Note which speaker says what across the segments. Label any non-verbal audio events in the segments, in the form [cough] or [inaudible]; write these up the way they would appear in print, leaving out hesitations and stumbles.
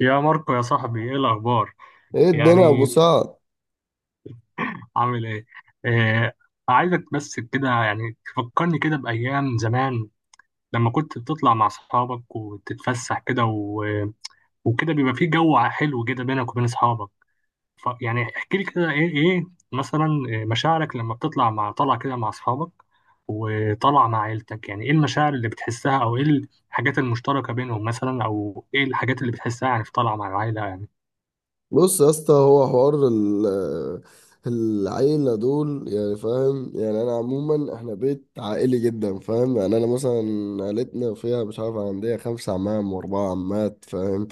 Speaker 1: يا ماركو يا صاحبي، ايه الاخبار؟
Speaker 2: ايه الدنيا يا ابو
Speaker 1: يعني
Speaker 2: سعد؟
Speaker 1: عامل ايه؟ آه. عايزك بس كده يعني تفكرني كده بايام زمان لما كنت بتطلع مع اصحابك وتتفسح كده، وكده بيبقى في جو حلو كده بينك وبين اصحابك. يعني احكي لي كده ايه مثلا، مشاعرك لما بتطلع طلع كده مع اصحابك وطلع مع عيلتك. يعني ايه المشاعر اللي بتحسها او ايه الحاجات المشتركة بينهم مثلا او ايه الحاجات اللي بتحسها يعني في طلعة مع العيلة؟
Speaker 2: بص يا اسطى، هو حوار العيلة دول، يعني فاهم، يعني انا عموما احنا بيت عائلي جدا، فاهم؟ يعني انا مثلا عيلتنا فيها، مش عارف، عندي خمسة عمام واربعة عمات، فاهم؟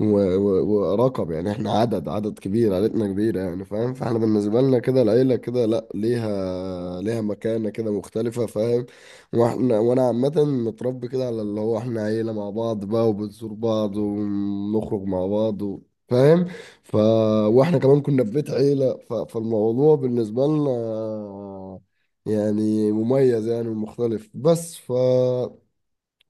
Speaker 2: و- و- ورقم، يعني احنا عدد، كبير، عائلتنا كبيرة يعني، فاهم؟ فاحنا بالنسبة لنا كده العيلة كده، لا، ليها، مكانة كده مختلفة، فاهم؟ واحنا وانا عامة متربي كده على اللي هو احنا عيلة مع بعض بقى، وبنزور بعض ونخرج مع بعض فاهم. ف واحنا كمان كنا في بيت عيلة، فالموضوع بالنسبة لنا يعني مميز، يعني ومختلف، بس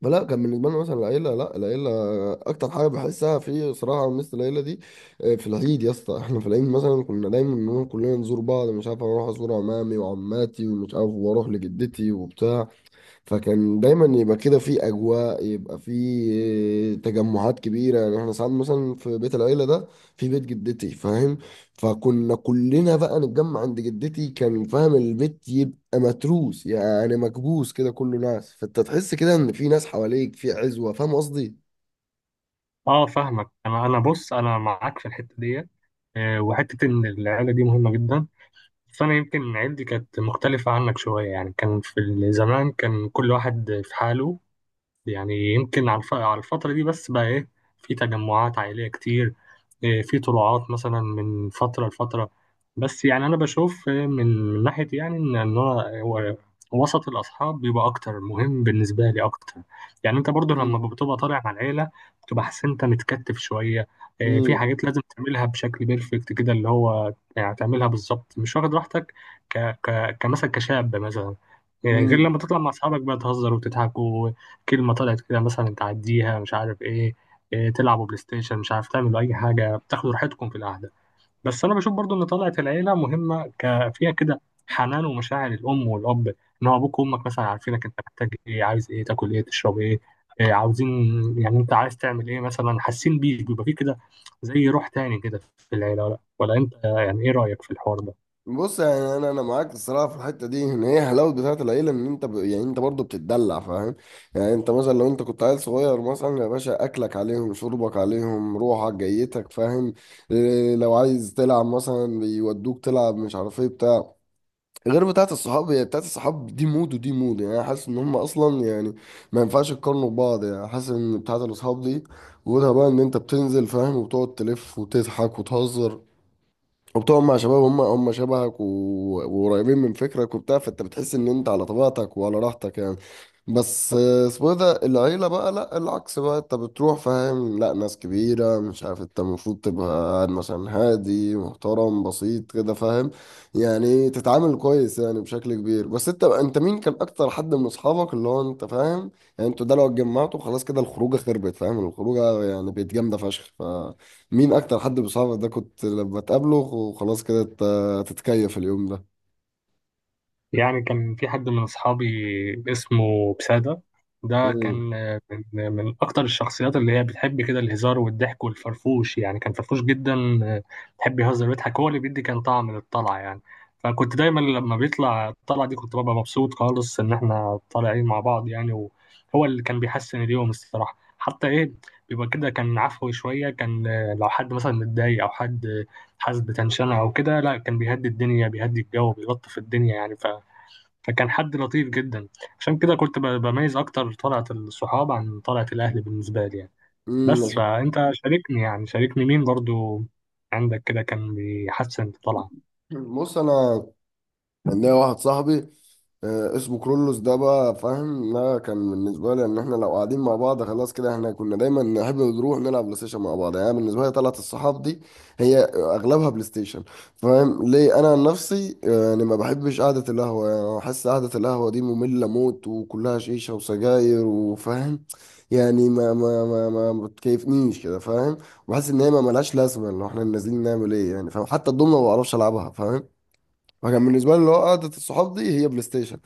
Speaker 2: فلا كان بالنسبه لنا مثلا العيله، لا، العيله اكتر حاجه بحسها في صراع، على مثل العيله دي. في العيد يا اسطى، احنا في العيد مثلا كنا دايما بنقول كلنا نزور بعض، مش عارف، اروح ازور عمامي وعماتي ومش عارف، واروح لجدتي وبتاع. فكان دايما يبقى كده في اجواء، يبقى في تجمعات كبيره. يعني احنا ساعات مثلا في بيت العيله ده، في بيت جدتي فاهم، فكنا كلنا بقى نتجمع عند جدتي، كان فاهم البيت يبقى متروس يعني، مكبوس كده كله ناس، فانت تحس كده ان في ناس حواليك، في عزوه، فاهم قصدي؟
Speaker 1: اه فاهمك. انا بص، انا معاك في الحته دي، وحته ان العيله دي مهمه جدا. بس انا يمكن عيلتي كانت مختلفه عنك شويه. يعني كان في زمان كان كل واحد في حاله. يعني يمكن على على الفترة دي بس بقى إيه، في تجمعات عائلية كتير، إيه، في طلوعات مثلا من فترة لفترة. بس يعني أنا بشوف إيه، من ناحية يعني إن هو وسط الأصحاب بيبقى أكتر مهم بالنسبة لي أكتر. يعني أنت برضو لما بتبقى طالع مع العيلة بتبقى حاسس إن أنت متكتف شوية. إيه، في
Speaker 2: امم
Speaker 1: حاجات لازم تعملها بشكل بيرفكت كده، اللي هو يعني تعملها بالظبط، مش واخد راحتك ك ك كمثلا كشاب مثلا. إيه، غير
Speaker 2: امم
Speaker 1: لما تطلع مع أصحابك بقى تهزر وتضحك. كلمة طلعت كده مثلا تعديها مش عارف ايه، إيه تلعبوا بلاي ستيشن، مش عارف تعملوا أي حاجة، بتاخدوا راحتكم في القعدة. بس أنا بشوف برضو إن طلعت العيلة مهمة، فيها كده حنان ومشاعر الأم والأب. إن هو أبوك وأمك مثلا عارفينك أنت محتاج إيه، عايز إيه، تاكل إيه، تشرب إيه، إيه عاوزين. يعني أنت عايز تعمل إيه مثلا، حاسين بيك. بيبقى فيه كده زي روح تاني كده في العيلة. ولا أنت يعني إيه رأيك في الحوار ده؟
Speaker 2: بص، يعني انا معاك الصراحه في الحته دي، ان هي حلاوه بتاعه العيله، ان انت يعني انت برضه بتتدلع، فاهم؟ يعني انت مثلا لو انت كنت عيل صغير مثلا يا باشا، اكلك عليهم، شربك عليهم، روحك جيتك، فاهم؟ إيه، لو عايز تلعب مثلا بيودوك تلعب، مش عارف ايه، بتاع. غير بتاعه الصحاب، هي بتاعه الصحاب دي مود، ودي مود، يعني أنا حاسس ان هم اصلا يعني ما ينفعش يقارنوا ببعض. يعني حاسس ان بتاعه الاصحاب دي وجودها بقى ان انت بتنزل فاهم، وبتقعد تلف وتضحك وتهزر، وبتقعد مع شباب هم شبهك وقريبين من فكرك وبتاع، فانت بتحس ان انت على طبيعتك وعلى راحتك يعني. بس اسمه إيه ده، العيلة بقى لا، العكس بقى، انت بتروح فاهم لا ناس كبيرة، مش عارف، انت المفروض تبقى قاعد مثلا هادي محترم بسيط كده، فاهم؟ يعني تتعامل كويس يعني بشكل كبير. بس انت، مين كان اكتر حد من اصحابك اللي هو انت فاهم، يعني انتوا ده لو اتجمعتوا خلاص كده الخروجة خربت، فاهم؟ الخروجة يعني بقت جامدة فشخ. مين اكتر حد بصحابك ده كنت لما تقابله وخلاص كده تتكيف اليوم ده؟
Speaker 1: يعني كان في حد من أصحابي اسمه بسادة، ده كان
Speaker 2: امم
Speaker 1: من, من أكتر الشخصيات اللي هي بتحب كده الهزار والضحك والفرفوش. يعني كان فرفوش جدا، بيحب يهزر ويضحك، هو اللي بيدي كان طعم للطلعة يعني. فكنت دايما لما بيطلع الطلعة دي كنت ببقى مبسوط خالص إن إحنا طالعين مع بعض يعني. وهو اللي كان بيحسن اليوم الصراحة، حتى إيه، بيبقى كده كان عفوي شوية. كان لو حد مثلا متضايق أو حد حاسس بتنشنة أو كده، لا كان بيهدي الدنيا، بيهدي الجو، بيلطف الدنيا يعني. فكان حد لطيف جدا. عشان كده كنت بميز اكتر طلعة الصحاب عن طلعة الاهل بالنسبة لي يعني. بس
Speaker 2: امم
Speaker 1: فانت شاركني، يعني شاركني مين برضو عندك كده كان بيحسن الطلعة؟
Speaker 2: بص انا، عندنا واحد صاحبي اسمه كرولوس، ده بقى فاهم، ده كان بالنسبة لي ان احنا لو قاعدين مع بعض خلاص كده، احنا كنا دايما نحب نروح نلعب بلاي ستيشن مع بعض. يعني بالنسبة لي طلعت الصحاب دي، هي اغلبها بلاي ستيشن، فاهم ليه؟ انا عن نفسي، يعني ما بحبش قعدة القهوة. يعني أنا بحس قعدة القهوة دي مملة موت، وكلها شيشة وسجاير، وفاهم يعني، ما بتكيفنيش كده، فاهم؟ بحس ان هي ما ملهاش لازمة، ان احنا نازلين نعمل ايه يعني، فاهم؟ حتى الضمنة ما بعرفش العبها، فاهم؟ فكان بالنسبه لي اللي هو قعده الصحاب دي هي بلاي ستيشن،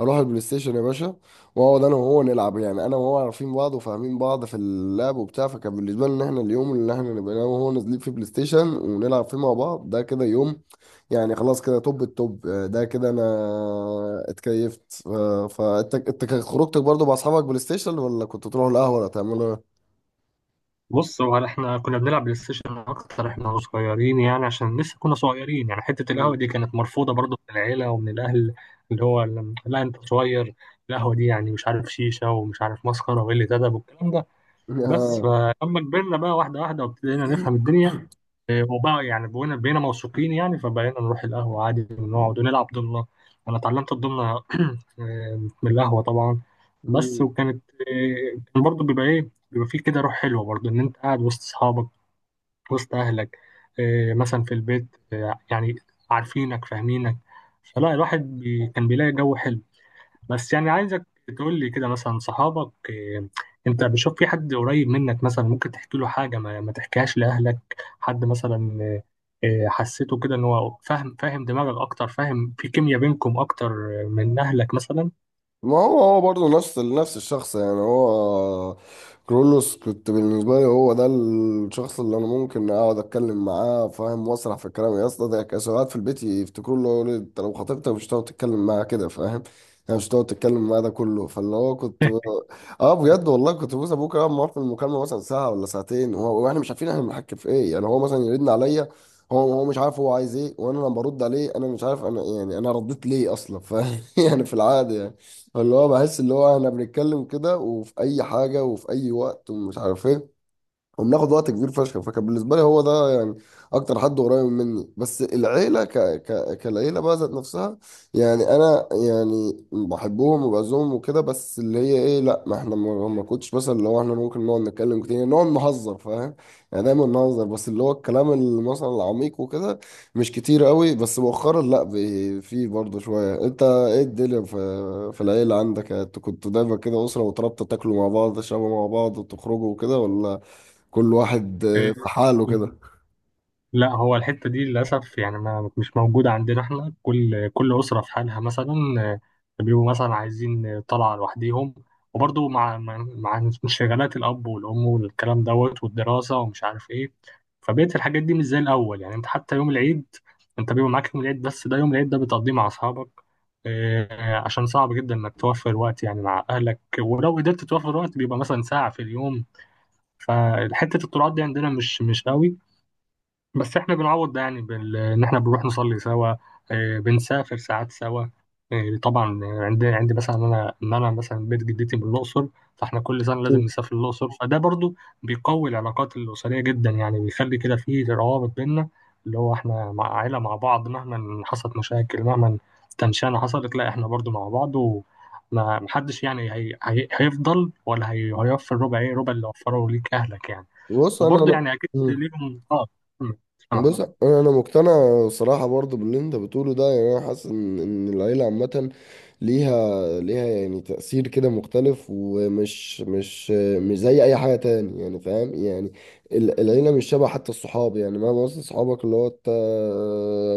Speaker 2: اروح البلاي ستيشن يا باشا، واقعد انا وهو نلعب. يعني انا وهو عارفين بعض، وفاهمين بعض في اللعب وبتاع، فكان بالنسبه لي ان احنا اليوم اللي احنا نبقى انا وهو نازلين فيه بلاي ستيشن، ونلعب فيه مع بعض، ده كده يوم يعني. خلاص كده توب التوب، ده كده انا اتكيفت. فانت، انت كان خروجتك برضو مع اصحابك بلاي ستيشن، ولا كنت تروح القهوه، ولا تعملوا ايه؟
Speaker 1: بص، هو احنا كنا بنلعب بلاي ستيشن اكتر احنا صغيرين يعني، عشان لسه كنا صغيرين يعني، حتة القهوة
Speaker 2: مم.
Speaker 1: دي كانت مرفوضة برضو من العيلة ومن الاهل. اللي هو لا انت صغير، القهوة دي يعني مش عارف شيشة ومش عارف مسخرة وإيه اللي تدب والكلام ده. بس
Speaker 2: [laughs]
Speaker 1: فلما كبرنا بقى واحدة واحدة وابتدينا نفهم الدنيا، هو بقى يعني بقينا موثوقين يعني، فبقينا نروح القهوة عادي ونقعد ونلعب ضمنة. أنا اتعلمت الضمنة، من القهوة طبعا. بس
Speaker 2: آه.
Speaker 1: وكانت، كان برضه بيبقى إيه، بيبقى فيه كده روح حلوة برضه إن أنت قاعد وسط أصحابك، وسط أهلك، إيه، مثلا في البيت، إيه، يعني عارفينك فاهمينك. فلا الواحد بي كان بيلاقي جو حلو. بس يعني عايزك تقول لي كده مثلا صحابك إيه، انت بتشوف في حد قريب منك مثلا ممكن تحكي له حاجة ما تحكيهاش لأهلك، حد مثلا إيه، إيه، حسيته كده ان هو فاهم، فاهم دماغك اكتر، فاهم، في كيمياء بينكم اكتر من اهلك مثلا؟
Speaker 2: ما هو برضه نفس الشخص، يعني هو كرولوس كنت بالنسبة لي، هو ده الشخص اللي أنا ممكن أقعد أتكلم معاه فاهم، وأسرح في الكلام يا اسطى. ده كان ساعات في البيت يفتكروا له، يقولوا لي أنت لو خطيبتك مش هتقعد تتكلم معاها كده، فاهم يعني، مش هتقعد تتكلم معاه ده كله. فاللي هو كنت، اه، بجد والله كنت بوس ابوك اقعد معاه في المكالمه مثلا ساعه ولا ساعتين، واحنا مش عارفين احنا بنحكي في ايه. يعني هو مثلا يرن عليا، هو مش عارف هو عايز ايه، وانا لما برد عليه انا مش عارف انا، يعني انا رديت ليه اصلا، فاهم؟ [laughs] يعني في العادي، يعني اللي هو بحس اللي هو احنا بنتكلم كده، وفي اي حاجه، وفي اي وقت، ومش عارف ايه، وبناخد وقت كبير فشخ. فكان بالنسبه لي هو ده يعني اكتر حد قريب مني. بس العيله كالعيله بقى ذات نفسها، يعني انا يعني بحبهم وبعزهم وكده، بس اللي هي ايه، لا، ما احنا ما كنتش مثلا، لو احنا ممكن نقعد نتكلم كتير، يعني نقعد نهزر، فاهم؟ يعني دايما نهزر، بس اللي هو الكلام اللي مثلا العميق وكده مش كتير قوي. بس مؤخرا لا، في برضه شويه. انت ايه الدنيا، في العيله عندك، انتوا كنتوا دايما كده اسره وترابطه، تاكلوا مع بعض، تشربوا مع بعض، وتخرجوا وكده، ولا كل واحد في حاله
Speaker 1: [laughs]
Speaker 2: كده؟
Speaker 1: لا، هو الحتة دي للأسف يعني ما مش موجودة عندنا. احنا كل أسرة في حالها مثلا، آه، بيبقوا مثلا عايزين طلعة لوحديهم، وبرضه مع مع انشغالات الأب والأم والكلام دوت والدراسة ومش عارف إيه، فبقيت الحاجات دي مش زي الأول يعني. أنت حتى يوم العيد، أنت بيبقى معاك يوم العيد، بس ده يوم العيد ده بتقضيه مع أصحابك، عشان صعب جدا إنك توفر وقت يعني مع أهلك، ولو قدرت توفر وقت بيبقى مثلا ساعة في اليوم. فحتة الطلعات دي عندنا مش قوي. بس احنا بنعوض ده يعني ان احنا بنروح نصلي سوا، بنسافر ساعات سوا. طبعا عندي مثلا انا ان انا مثلا بيت جدتي من الاقصر. فاحنا كل سنه لازم نسافر الاقصر، فده برضو بيقوي العلاقات الاسريه جدا يعني، بيخلي كده فيه روابط بينا، اللي هو احنا مع عائله مع بعض مهما حصلت مشاكل، مهما تنشانه حصلت، لا احنا برضو مع بعض. وما محدش يعني هيفضل ولا هيوفر ربع ايه ربع اللي وفره ليك اهلك يعني.
Speaker 2: بص انا،
Speaker 1: وبرضه يعني اكيد
Speaker 2: مم.
Speaker 1: ليهم اه. مم. اه.
Speaker 2: بص انا، مقتنع صراحه برضو باللي انت بتقوله ده، يعني انا حاسس ان العيله عامه ليها، يعني تأثير كده مختلف، ومش مش زي أي حاجة تاني، يعني فاهم يعني، العيلة مش شبه حتى الصحاب. يعني مهما وصل صحابك اللي هو أنت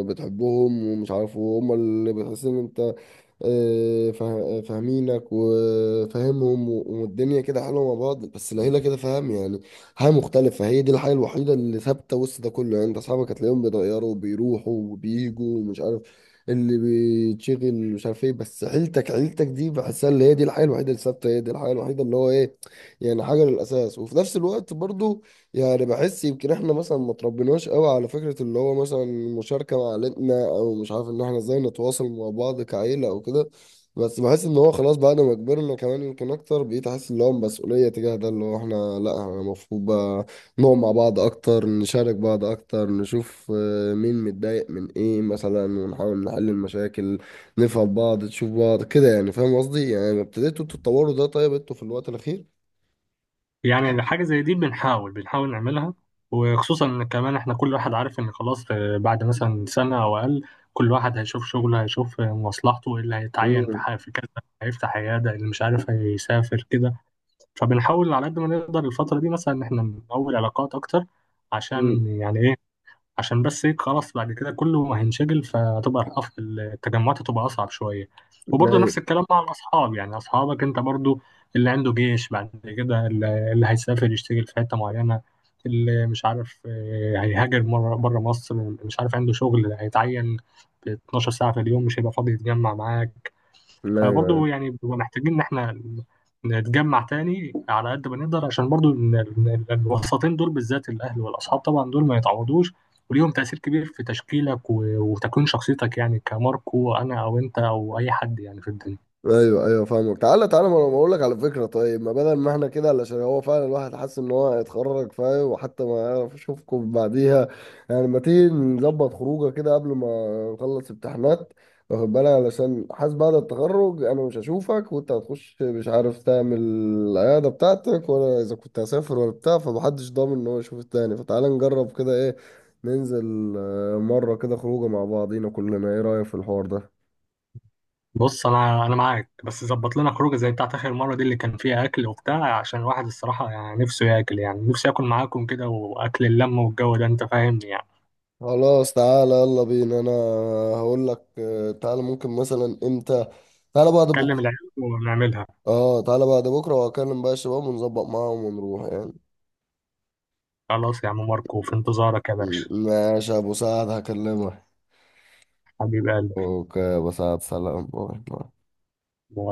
Speaker 2: بتحبهم ومش عارف، وهم اللي بتحس إن أنت فاهمينك وفاهمهم، والدنيا كده حلوه مع بعض. بس العيله كده فاهم يعني حاجه مختلفه، فهي دي الحاجه الوحيده اللي ثابته وسط ده كله. يعني انت اصحابك هتلاقيهم بيتغيروا وبيروحوا وبييجوا، ومش عارف اللي بيتشغل مش عارف ايه، بس عيلتك، دي بحسها اللي هي دي الحاجه الوحيده اللي ثابته، هي دي الحاجه الوحيده اللي هو ايه، يعني حاجه للاساس. وفي نفس الوقت برضو، يعني بحس يمكن احنا مثلا ما تربيناش قوي على فكرة اللي هو مثلا المشاركة مع عيلتنا، او مش عارف، ان احنا ازاي نتواصل مع بعض كعيلة او كده. بس بحس ان هو خلاص بعد ما كبرنا كمان، يمكن اكتر بقيت احس ان هو مسؤولية تجاه ده، اللي هو احنا لا، احنا المفروض بقى نقعد مع بعض اكتر، نشارك بعض اكتر، نشوف مين متضايق من ايه مثلا، ونحاول نحل المشاكل، نفهم بعض، تشوف بعض كده، يعني فاهم قصدي؟ يعني ابتديتوا تتطوروا ده، طيب، انتوا في الوقت الاخير؟
Speaker 1: يعني حاجه زي دي بنحاول نعملها، وخصوصا ان كمان احنا كل واحد عارف ان خلاص، بعد مثلا سنه او اقل كل واحد هيشوف شغله، هيشوف مصلحته ايه، اللي هيتعين في
Speaker 2: امم
Speaker 1: في كذا، هيفتح عياده، اللي مش عارف هيسافر كده. فبنحاول على قد ما نقدر الفتره دي مثلا ان احنا نقوي العلاقات اكتر،
Speaker 2: امم
Speaker 1: عشان يعني ايه، عشان بس هيك خلاص بعد كده كله هينشغل، فهتبقى التجمعات هتبقى أصعب شوية. وبرضه
Speaker 2: لا،
Speaker 1: نفس الكلام مع الأصحاب، يعني أصحابك أنت برضه، اللي عنده جيش، بعد كده اللي هيسافر يشتغل في حتة معينة، اللي مش عارف هيهاجر مرة بره مصر، مش عارف عنده شغل هيتعين ب 12 ساعة في اليوم، مش هيبقى فاضي يتجمع معاك.
Speaker 2: لا،
Speaker 1: فبرضه يعني بنبقى محتاجين ان احنا نتجمع تاني على قد ما نقدر، عشان برضه إن الوسطين دول بالذات الاهل والاصحاب طبعا دول ما يتعوضوش، وليهم تاثير كبير في تشكيلك وتكوين شخصيتك يعني، كماركو انا او انت او اي حد يعني في الدنيا.
Speaker 2: ايوه، ايوه، فاهمك. تعالى، تعالى، ما انا بقول لك على فكره. طيب، ما بدل ما احنا كده، علشان هو فعلا الواحد حاسس ان هو هيتخرج فاهم، وحتى ما يعرف يشوفكم بعديها، يعني ما تيجي نظبط خروجه كده قبل ما نخلص امتحانات، واخد بالك؟ علشان حاسس بعد التخرج انا مش هشوفك، وانت هتخش مش عارف تعمل العياده بتاعتك، ولا اذا كنت هسافر، ولا بتاع، فمحدش ضامن ان هو يشوف التاني. فتعالى نجرب كده، ايه، ننزل مره كده خروجه مع بعضينا كلنا، ايه رايك في الحوار ده؟
Speaker 1: بص انا معاك، بس ظبط لنا خروجه زي بتاعت اخر مره دي اللي كان فيها اكل وبتاع، عشان الواحد الصراحه يعني نفسه ياكل، يعني نفسي اكل معاكم كده، واكل اللمه والجو ده انت فاهمني يعني.
Speaker 2: خلاص، تعالى يلا بينا. انا هقول لك، تعالى ممكن مثلا امتى، تعالى بعد
Speaker 1: كلم
Speaker 2: بكره.
Speaker 1: العيال ونعملها.
Speaker 2: اه، تعالى بعد بكره، وهكلم بقى الشباب ونظبط معاهم ونروح يعني.
Speaker 1: خلاص يا عم ماركو، في انتظارك يا باشا.
Speaker 2: ماشي يا ابو سعد، هكلمك.
Speaker 1: حبيب قلبي.
Speaker 2: اوكي يا ابو سعد، سلام، باي باي.
Speaker 1: واي.